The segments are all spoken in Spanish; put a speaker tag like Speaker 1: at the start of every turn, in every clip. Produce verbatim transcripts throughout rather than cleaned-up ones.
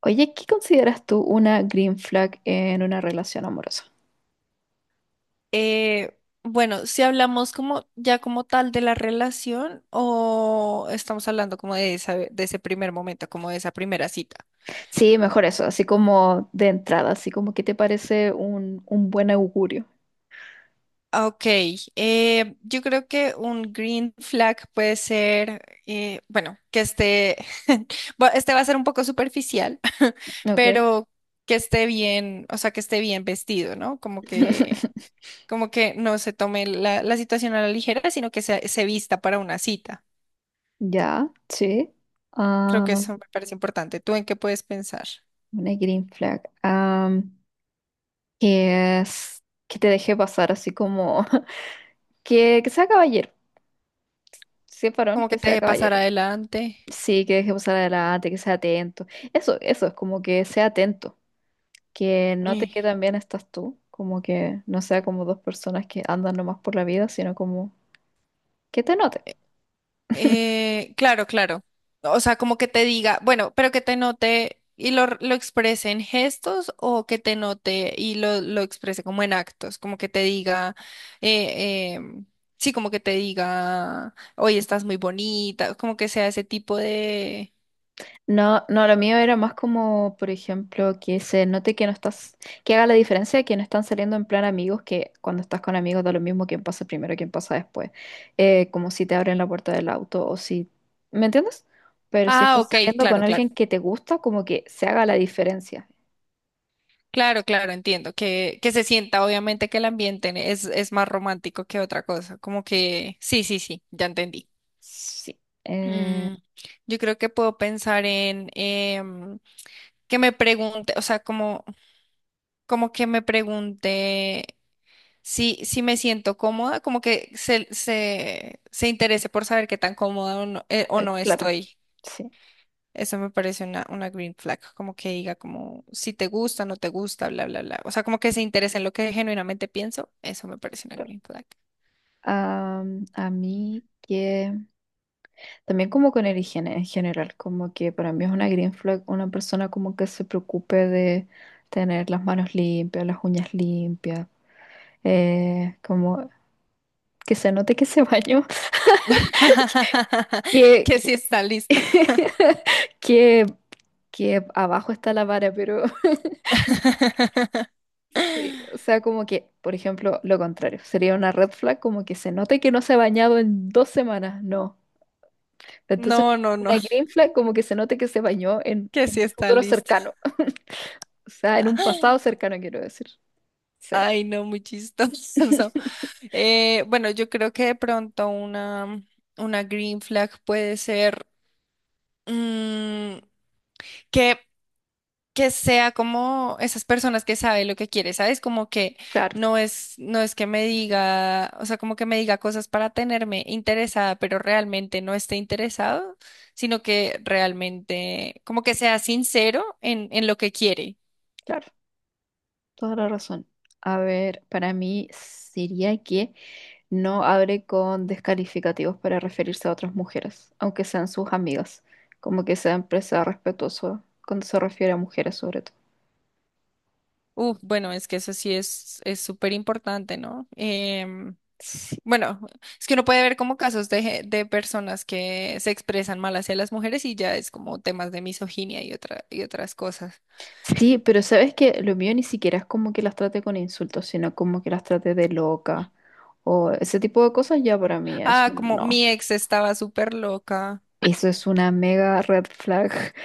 Speaker 1: Oye, ¿qué consideras tú una green flag en una relación amorosa?
Speaker 2: Eh, bueno, si hablamos como ya como tal de la relación o estamos hablando como de esa, de ese primer momento, como de esa primera cita.
Speaker 1: Sí, mejor eso, así como de entrada, así como que te parece un, un buen augurio.
Speaker 2: Ah, ok, eh, yo creo que un green flag puede ser, eh, bueno, que esté, bueno, este va a ser un poco superficial,
Speaker 1: Ok.
Speaker 2: pero que esté bien, o sea, que esté bien vestido, ¿no? Como que, como que no se tome la, la situación a la ligera, sino que se, se vista para una cita.
Speaker 1: Ya, sí.
Speaker 2: Creo
Speaker 1: Ah,
Speaker 2: que eso me parece importante. ¿Tú en qué puedes pensar?
Speaker 1: una green flag. Am, que es que te deje pasar así como que, que sea caballero. Sí, es varón,
Speaker 2: Como que
Speaker 1: que
Speaker 2: te
Speaker 1: sea
Speaker 2: deje pasar
Speaker 1: caballero.
Speaker 2: adelante.
Speaker 1: Sí, que deje pasar adelante, que sea atento. Eso, eso es como que sea atento. Que note
Speaker 2: Eh,
Speaker 1: que también estás tú, como que no sea como dos personas que andan nomás por la vida, sino como que te note.
Speaker 2: eh, claro, claro. O sea, como que te diga, bueno, pero que te note y lo, lo exprese en gestos o que te note y lo, lo exprese como en actos, como que te diga, eh, eh, sí, como que te diga, hoy estás muy bonita, como que sea ese tipo de...
Speaker 1: No, no, lo mío era más como, por ejemplo, que se note que no estás, que haga la diferencia que no están saliendo en plan amigos, que cuando estás con amigos da lo mismo quién pasa primero, quién pasa después. Eh, como si te abren la puerta del auto o si, ¿me entiendes? Pero si
Speaker 2: Ah,
Speaker 1: estás
Speaker 2: ok,
Speaker 1: saliendo con
Speaker 2: claro, claro.
Speaker 1: alguien que te gusta, como que se haga la diferencia.
Speaker 2: Claro, claro, entiendo. Que, que se sienta, obviamente, que el ambiente es, es más romántico que otra cosa. Como que, sí, sí, sí, ya entendí.
Speaker 1: Sí. Eh,
Speaker 2: Mm, yo creo que puedo pensar en em, que me pregunte, o sea, como, como que me pregunte si, si me siento cómoda, como que se, se, se interese por saber qué tan cómoda o no, eh, o
Speaker 1: eh,
Speaker 2: no
Speaker 1: claro,
Speaker 2: estoy.
Speaker 1: sí.
Speaker 2: Eso me parece una, una green flag, como que diga como si te gusta, no te gusta, bla, bla, bla. O sea, como que se interese en lo que genuinamente pienso. Eso me parece una
Speaker 1: Claro.
Speaker 2: green flag.
Speaker 1: Am, a mí que también como con el higiene en general, como que para mí es una green flag una persona como que se preocupe de tener las manos limpias, las uñas limpias, eh, como que se note que se bañó, que,
Speaker 2: Que sí está listo.
Speaker 1: que, que abajo está la vara, pero sí, o sea, como que, por ejemplo, lo contrario, sería una red flag como que se note que no se ha bañado en dos semanas, no. Entonces,
Speaker 2: No, no, no,
Speaker 1: una green flag como que se note que se bañó en,
Speaker 2: que
Speaker 1: en
Speaker 2: sí
Speaker 1: un
Speaker 2: está
Speaker 1: futuro
Speaker 2: listo.
Speaker 1: cercano, o sea, en un pasado cercano, quiero decir. Sí,
Speaker 2: Ay, no, muy chistoso. Eh, bueno, yo creo que de pronto una, una green flag puede ser mm, que que sea como esas personas que sabe lo que quiere, ¿sabes? Como que
Speaker 1: claro,
Speaker 2: no es, no es que me diga, o sea, como que me diga cosas para tenerme interesada, pero realmente no esté interesado, sino que realmente, como que sea sincero en, en lo que quiere.
Speaker 1: claro, toda la razón. A ver, para mí sería que no hable con descalificativos para referirse a otras mujeres, aunque sean sus amigas, como que sea empresa respetuoso cuando se refiere a mujeres sobre todo.
Speaker 2: Uf, bueno, es que eso sí es, es súper importante, ¿no? Em,
Speaker 1: Sí.
Speaker 2: bueno, es que uno puede ver como casos de, ge- de personas que se expresan mal hacia las mujeres y ya es como temas de misoginia y otra, y otras cosas.
Speaker 1: Sí, pero sabes que lo mío ni siquiera es como que las trate con insultos, sino como que las trate de loca o ese tipo de cosas ya para mí es
Speaker 2: Ah,
Speaker 1: un
Speaker 2: como
Speaker 1: no.
Speaker 2: mi ex estaba súper loca.
Speaker 1: Eso es una mega red flag.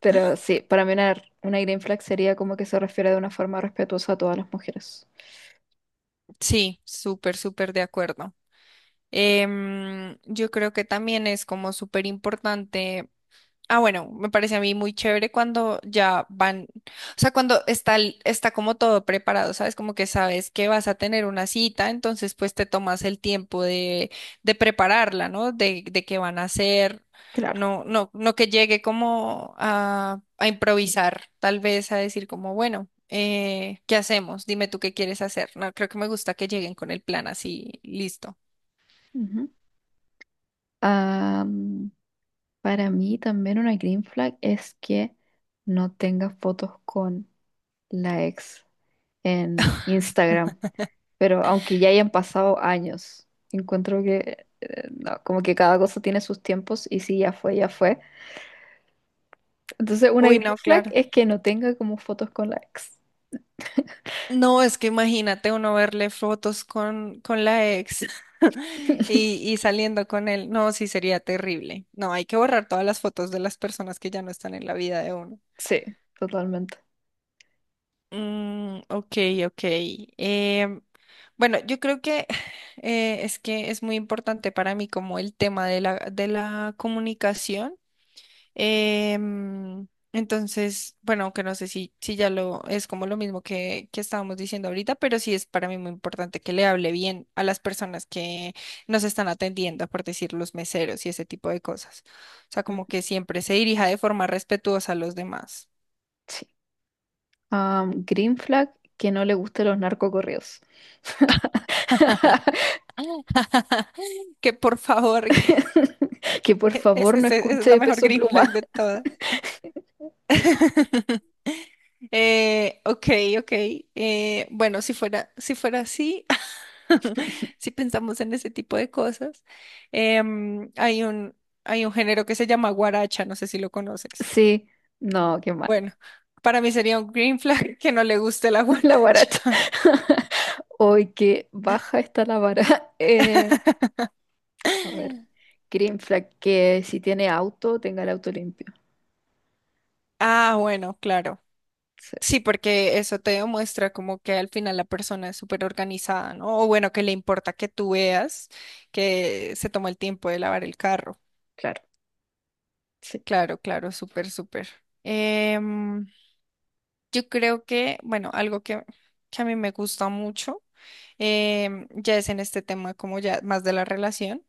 Speaker 1: Pero sí, para mí una, una green flag sería como que se refiere de una forma respetuosa a todas las mujeres.
Speaker 2: Sí, súper, súper de acuerdo. Em, yo creo que también es como súper importante. Ah, bueno, me parece a mí muy chévere cuando ya van, o sea, cuando está, el- está como todo preparado, ¿sabes? Como que sabes que vas a tener una cita, entonces pues te tomas el tiempo de, de prepararla, ¿no? De, de qué van a hacer,
Speaker 1: Claro.
Speaker 2: no, no, no que llegue como a, a improvisar, tal vez a decir como, bueno, eh, ¿qué hacemos? Dime tú qué quieres hacer. No, creo que me gusta que lleguen con el plan así, listo.
Speaker 1: Ujú. Ah, mm, para mí también una green flag es que no tenga fotos con la ex en Instagram. Pero aunque ya hayan pasado años, encuentro que eh, no, como que cada cosa tiene sus tiempos y si ya fue, ya fue. Entonces, una
Speaker 2: Uy,
Speaker 1: green
Speaker 2: no,
Speaker 1: flag
Speaker 2: claro.
Speaker 1: es que no tenga como fotos con la ex.
Speaker 2: No, es que imagínate uno verle fotos con, con la ex y, y saliendo con él. No, sí sería terrible. No, hay que borrar todas las fotos de las personas que ya no están en la vida de uno.
Speaker 1: Sí, totalmente.
Speaker 2: Mm, ok, ok. Em, bueno, yo creo que eh, es que es muy importante para mí como el tema de la, de la comunicación. Em, entonces, bueno, aunque no sé si, si ya lo es como lo mismo que, que estábamos diciendo ahorita, pero sí es para mí muy importante que le hable bien a las personas que nos están atendiendo, por decir los meseros y ese tipo de cosas. O sea,
Speaker 1: Mm,
Speaker 2: como que siempre se dirija de forma respetuosa a los demás.
Speaker 1: sí. Am, green flag que no le gusten los narcocorridos.
Speaker 2: Que por favor, que
Speaker 1: Que por favor
Speaker 2: ese- ese-
Speaker 1: no
Speaker 2: esa es la
Speaker 1: escuche
Speaker 2: mejor
Speaker 1: Peso
Speaker 2: green
Speaker 1: Pluma.
Speaker 2: flag de todas. Eh, ok, ok. Eh, bueno, si fuera, si fuera así, si pensamos en ese tipo de cosas, em, hay un, hay un género que se llama guaracha, no sé si lo conoces.
Speaker 1: Sí, no, qué mal.
Speaker 2: Bueno, para mí sería un green flag que no le guste la
Speaker 1: La guaracha.
Speaker 2: guaracha.
Speaker 1: Hoy que baja está la vara. Eh, A ver, green flag, que si tiene auto, tenga el auto limpio.
Speaker 2: Ah, bueno, claro.
Speaker 1: Sí,
Speaker 2: Sí, porque eso te demuestra como que al final la persona es súper organizada, ¿no? O bueno, que le importa que tú veas que se toma el tiempo de lavar el carro.
Speaker 1: claro, sí.
Speaker 2: Claro, claro, súper, súper. Em, yo creo que, bueno, algo que, que a mí me gusta mucho, em, ya es en este tema como ya más de la relación,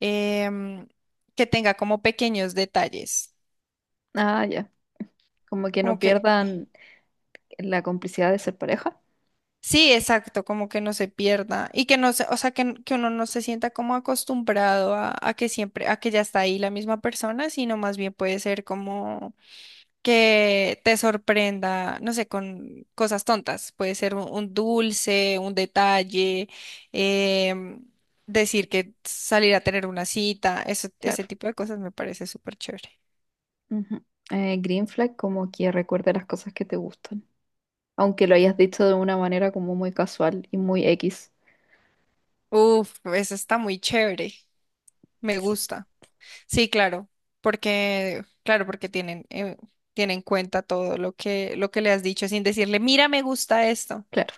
Speaker 2: em, que tenga como pequeños detalles,
Speaker 1: Ah, ya. Como que
Speaker 2: como
Speaker 1: no
Speaker 2: que,
Speaker 1: pierdan la complicidad de ser pareja.
Speaker 2: sí, exacto, como que no se pierda y que no se, o sea, que, n- que uno no se sienta como acostumbrado a, a que siempre, a que ya está ahí la misma persona, sino más bien puede ser como... que te sorprenda, no sé, con cosas tontas. Puede ser un, un dulce, un detalle, em, decir que salir a tener una cita, eso, ese
Speaker 1: Claro.
Speaker 2: tipo de cosas me parece súper chévere.
Speaker 1: Ujú. Eh, green flag, como que recuerde las cosas que te gustan. Aunque lo hayas dicho de una manera como muy casual y muy X.
Speaker 2: Uf, eso está muy chévere, me gusta. Sí, claro, porque, claro, porque tienen, eh, tienen en cuenta todo lo que, lo que le has dicho sin decirle, mira, me gusta esto.
Speaker 1: Claro.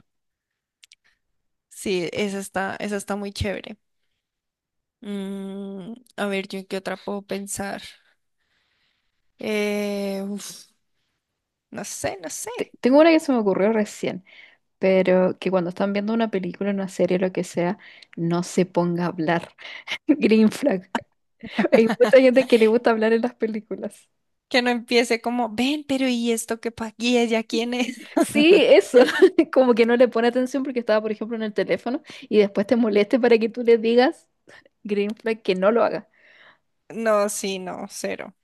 Speaker 2: Sí, eso está, eso está muy chévere. Mm, a ver, ¿yo en qué otra puedo pensar? Eh, uf, no sé, no sé.
Speaker 1: Te- Tengo una que se me ocurrió recién, pero que cuando están viendo una película, una serie, lo que sea, no se ponga a hablar. Green flag. Hay mucha gente que le gusta hablar en las películas.
Speaker 2: Que no empiece como, ven, pero ¿y esto qué pa'? ¿Y ella quién es?
Speaker 1: Sí, eso, como que no le pone atención porque estaba, por ejemplo, en el teléfono y después te moleste para que tú le digas green flag que no lo haga.
Speaker 2: No, sí, no, cero.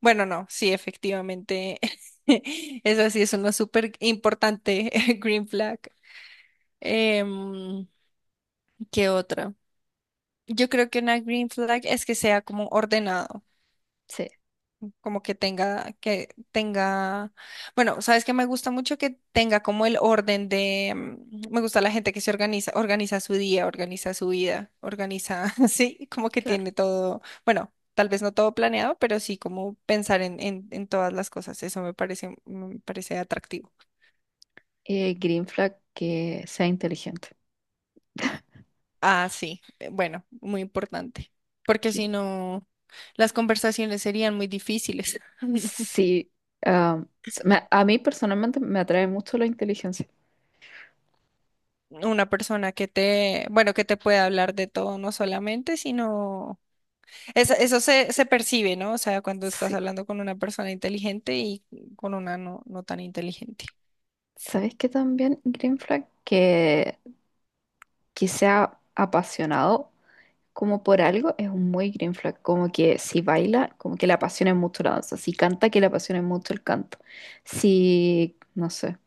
Speaker 2: Bueno, no, sí, efectivamente. Eso sí es una súper importante green flag. Em, ¿qué otra? Yo creo que una green flag es que sea como ordenado.
Speaker 1: Sí.
Speaker 2: Como que tenga, que tenga, bueno, sabes que me gusta mucho que tenga como el orden de, mm, me gusta la gente que se organiza, organiza su día, organiza su vida, organiza, sí, como que
Speaker 1: Claro.
Speaker 2: tiene todo, bueno, tal vez no todo planeado, pero sí como pensar en, en, en todas las cosas, eso me parece, me parece atractivo.
Speaker 1: Eh, green flag que sea inteligente.
Speaker 2: Ah, sí, eh, bueno, muy importante, porque si
Speaker 1: Que-
Speaker 2: no, las conversaciones serían muy difíciles.
Speaker 1: Sí, ah, s- me- a mí personalmente me atrae mucho la inteligencia.
Speaker 2: Una persona que te, bueno, que te pueda hablar de todo, no solamente, sino eso, eso se, se percibe, ¿no? O sea, cuando estás
Speaker 1: Sí,
Speaker 2: hablando con una persona inteligente y con una no, no tan inteligente.
Speaker 1: ¿sabes qué también green flag? Que, que sea apasionado como por algo, es un muy green flag. Como que si baila, como que le apasiona mucho la danza. Si canta, que le apasiona mucho el canto. Si, no sé,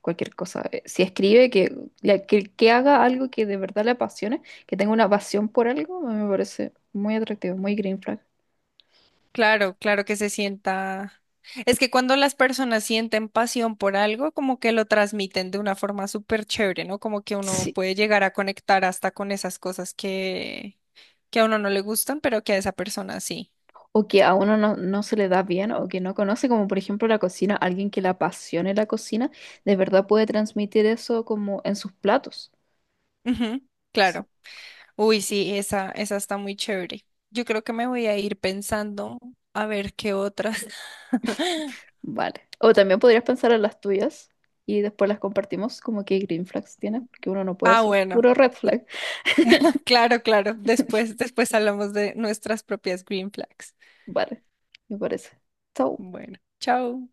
Speaker 1: cualquier cosa. eh, Si escribe, que, le- que, que haga algo que de verdad le apasione, que tenga una pasión por algo, me parece muy atractivo, muy green flag.
Speaker 2: Claro, claro que se sienta. Es que cuando las personas sienten pasión por algo, como que lo transmiten de una forma súper chévere, ¿no? Como que uno
Speaker 1: Sí.
Speaker 2: puede llegar a conectar hasta con esas cosas que, que a uno no le gustan, pero que a esa persona sí.
Speaker 1: O que a uno no, no se le da bien o que no conoce, como por ejemplo la cocina, alguien que le apasione la cocina, de verdad puede transmitir eso como en sus platos.
Speaker 2: Ujú, claro. Uy, sí, esa, esa está muy chévere. Yo creo que me voy a ir pensando a ver qué otras.
Speaker 1: Vale. O también podrías pensar en las tuyas y después las compartimos como que green flags tienes, porque uno no puede
Speaker 2: Ah,
Speaker 1: ser
Speaker 2: bueno.
Speaker 1: puro red
Speaker 2: y-
Speaker 1: flag.
Speaker 2: Claro, claro. Después, después hablamos de nuestras propias green flags.
Speaker 1: Vale, me parece. Chau.
Speaker 2: Bueno, chao.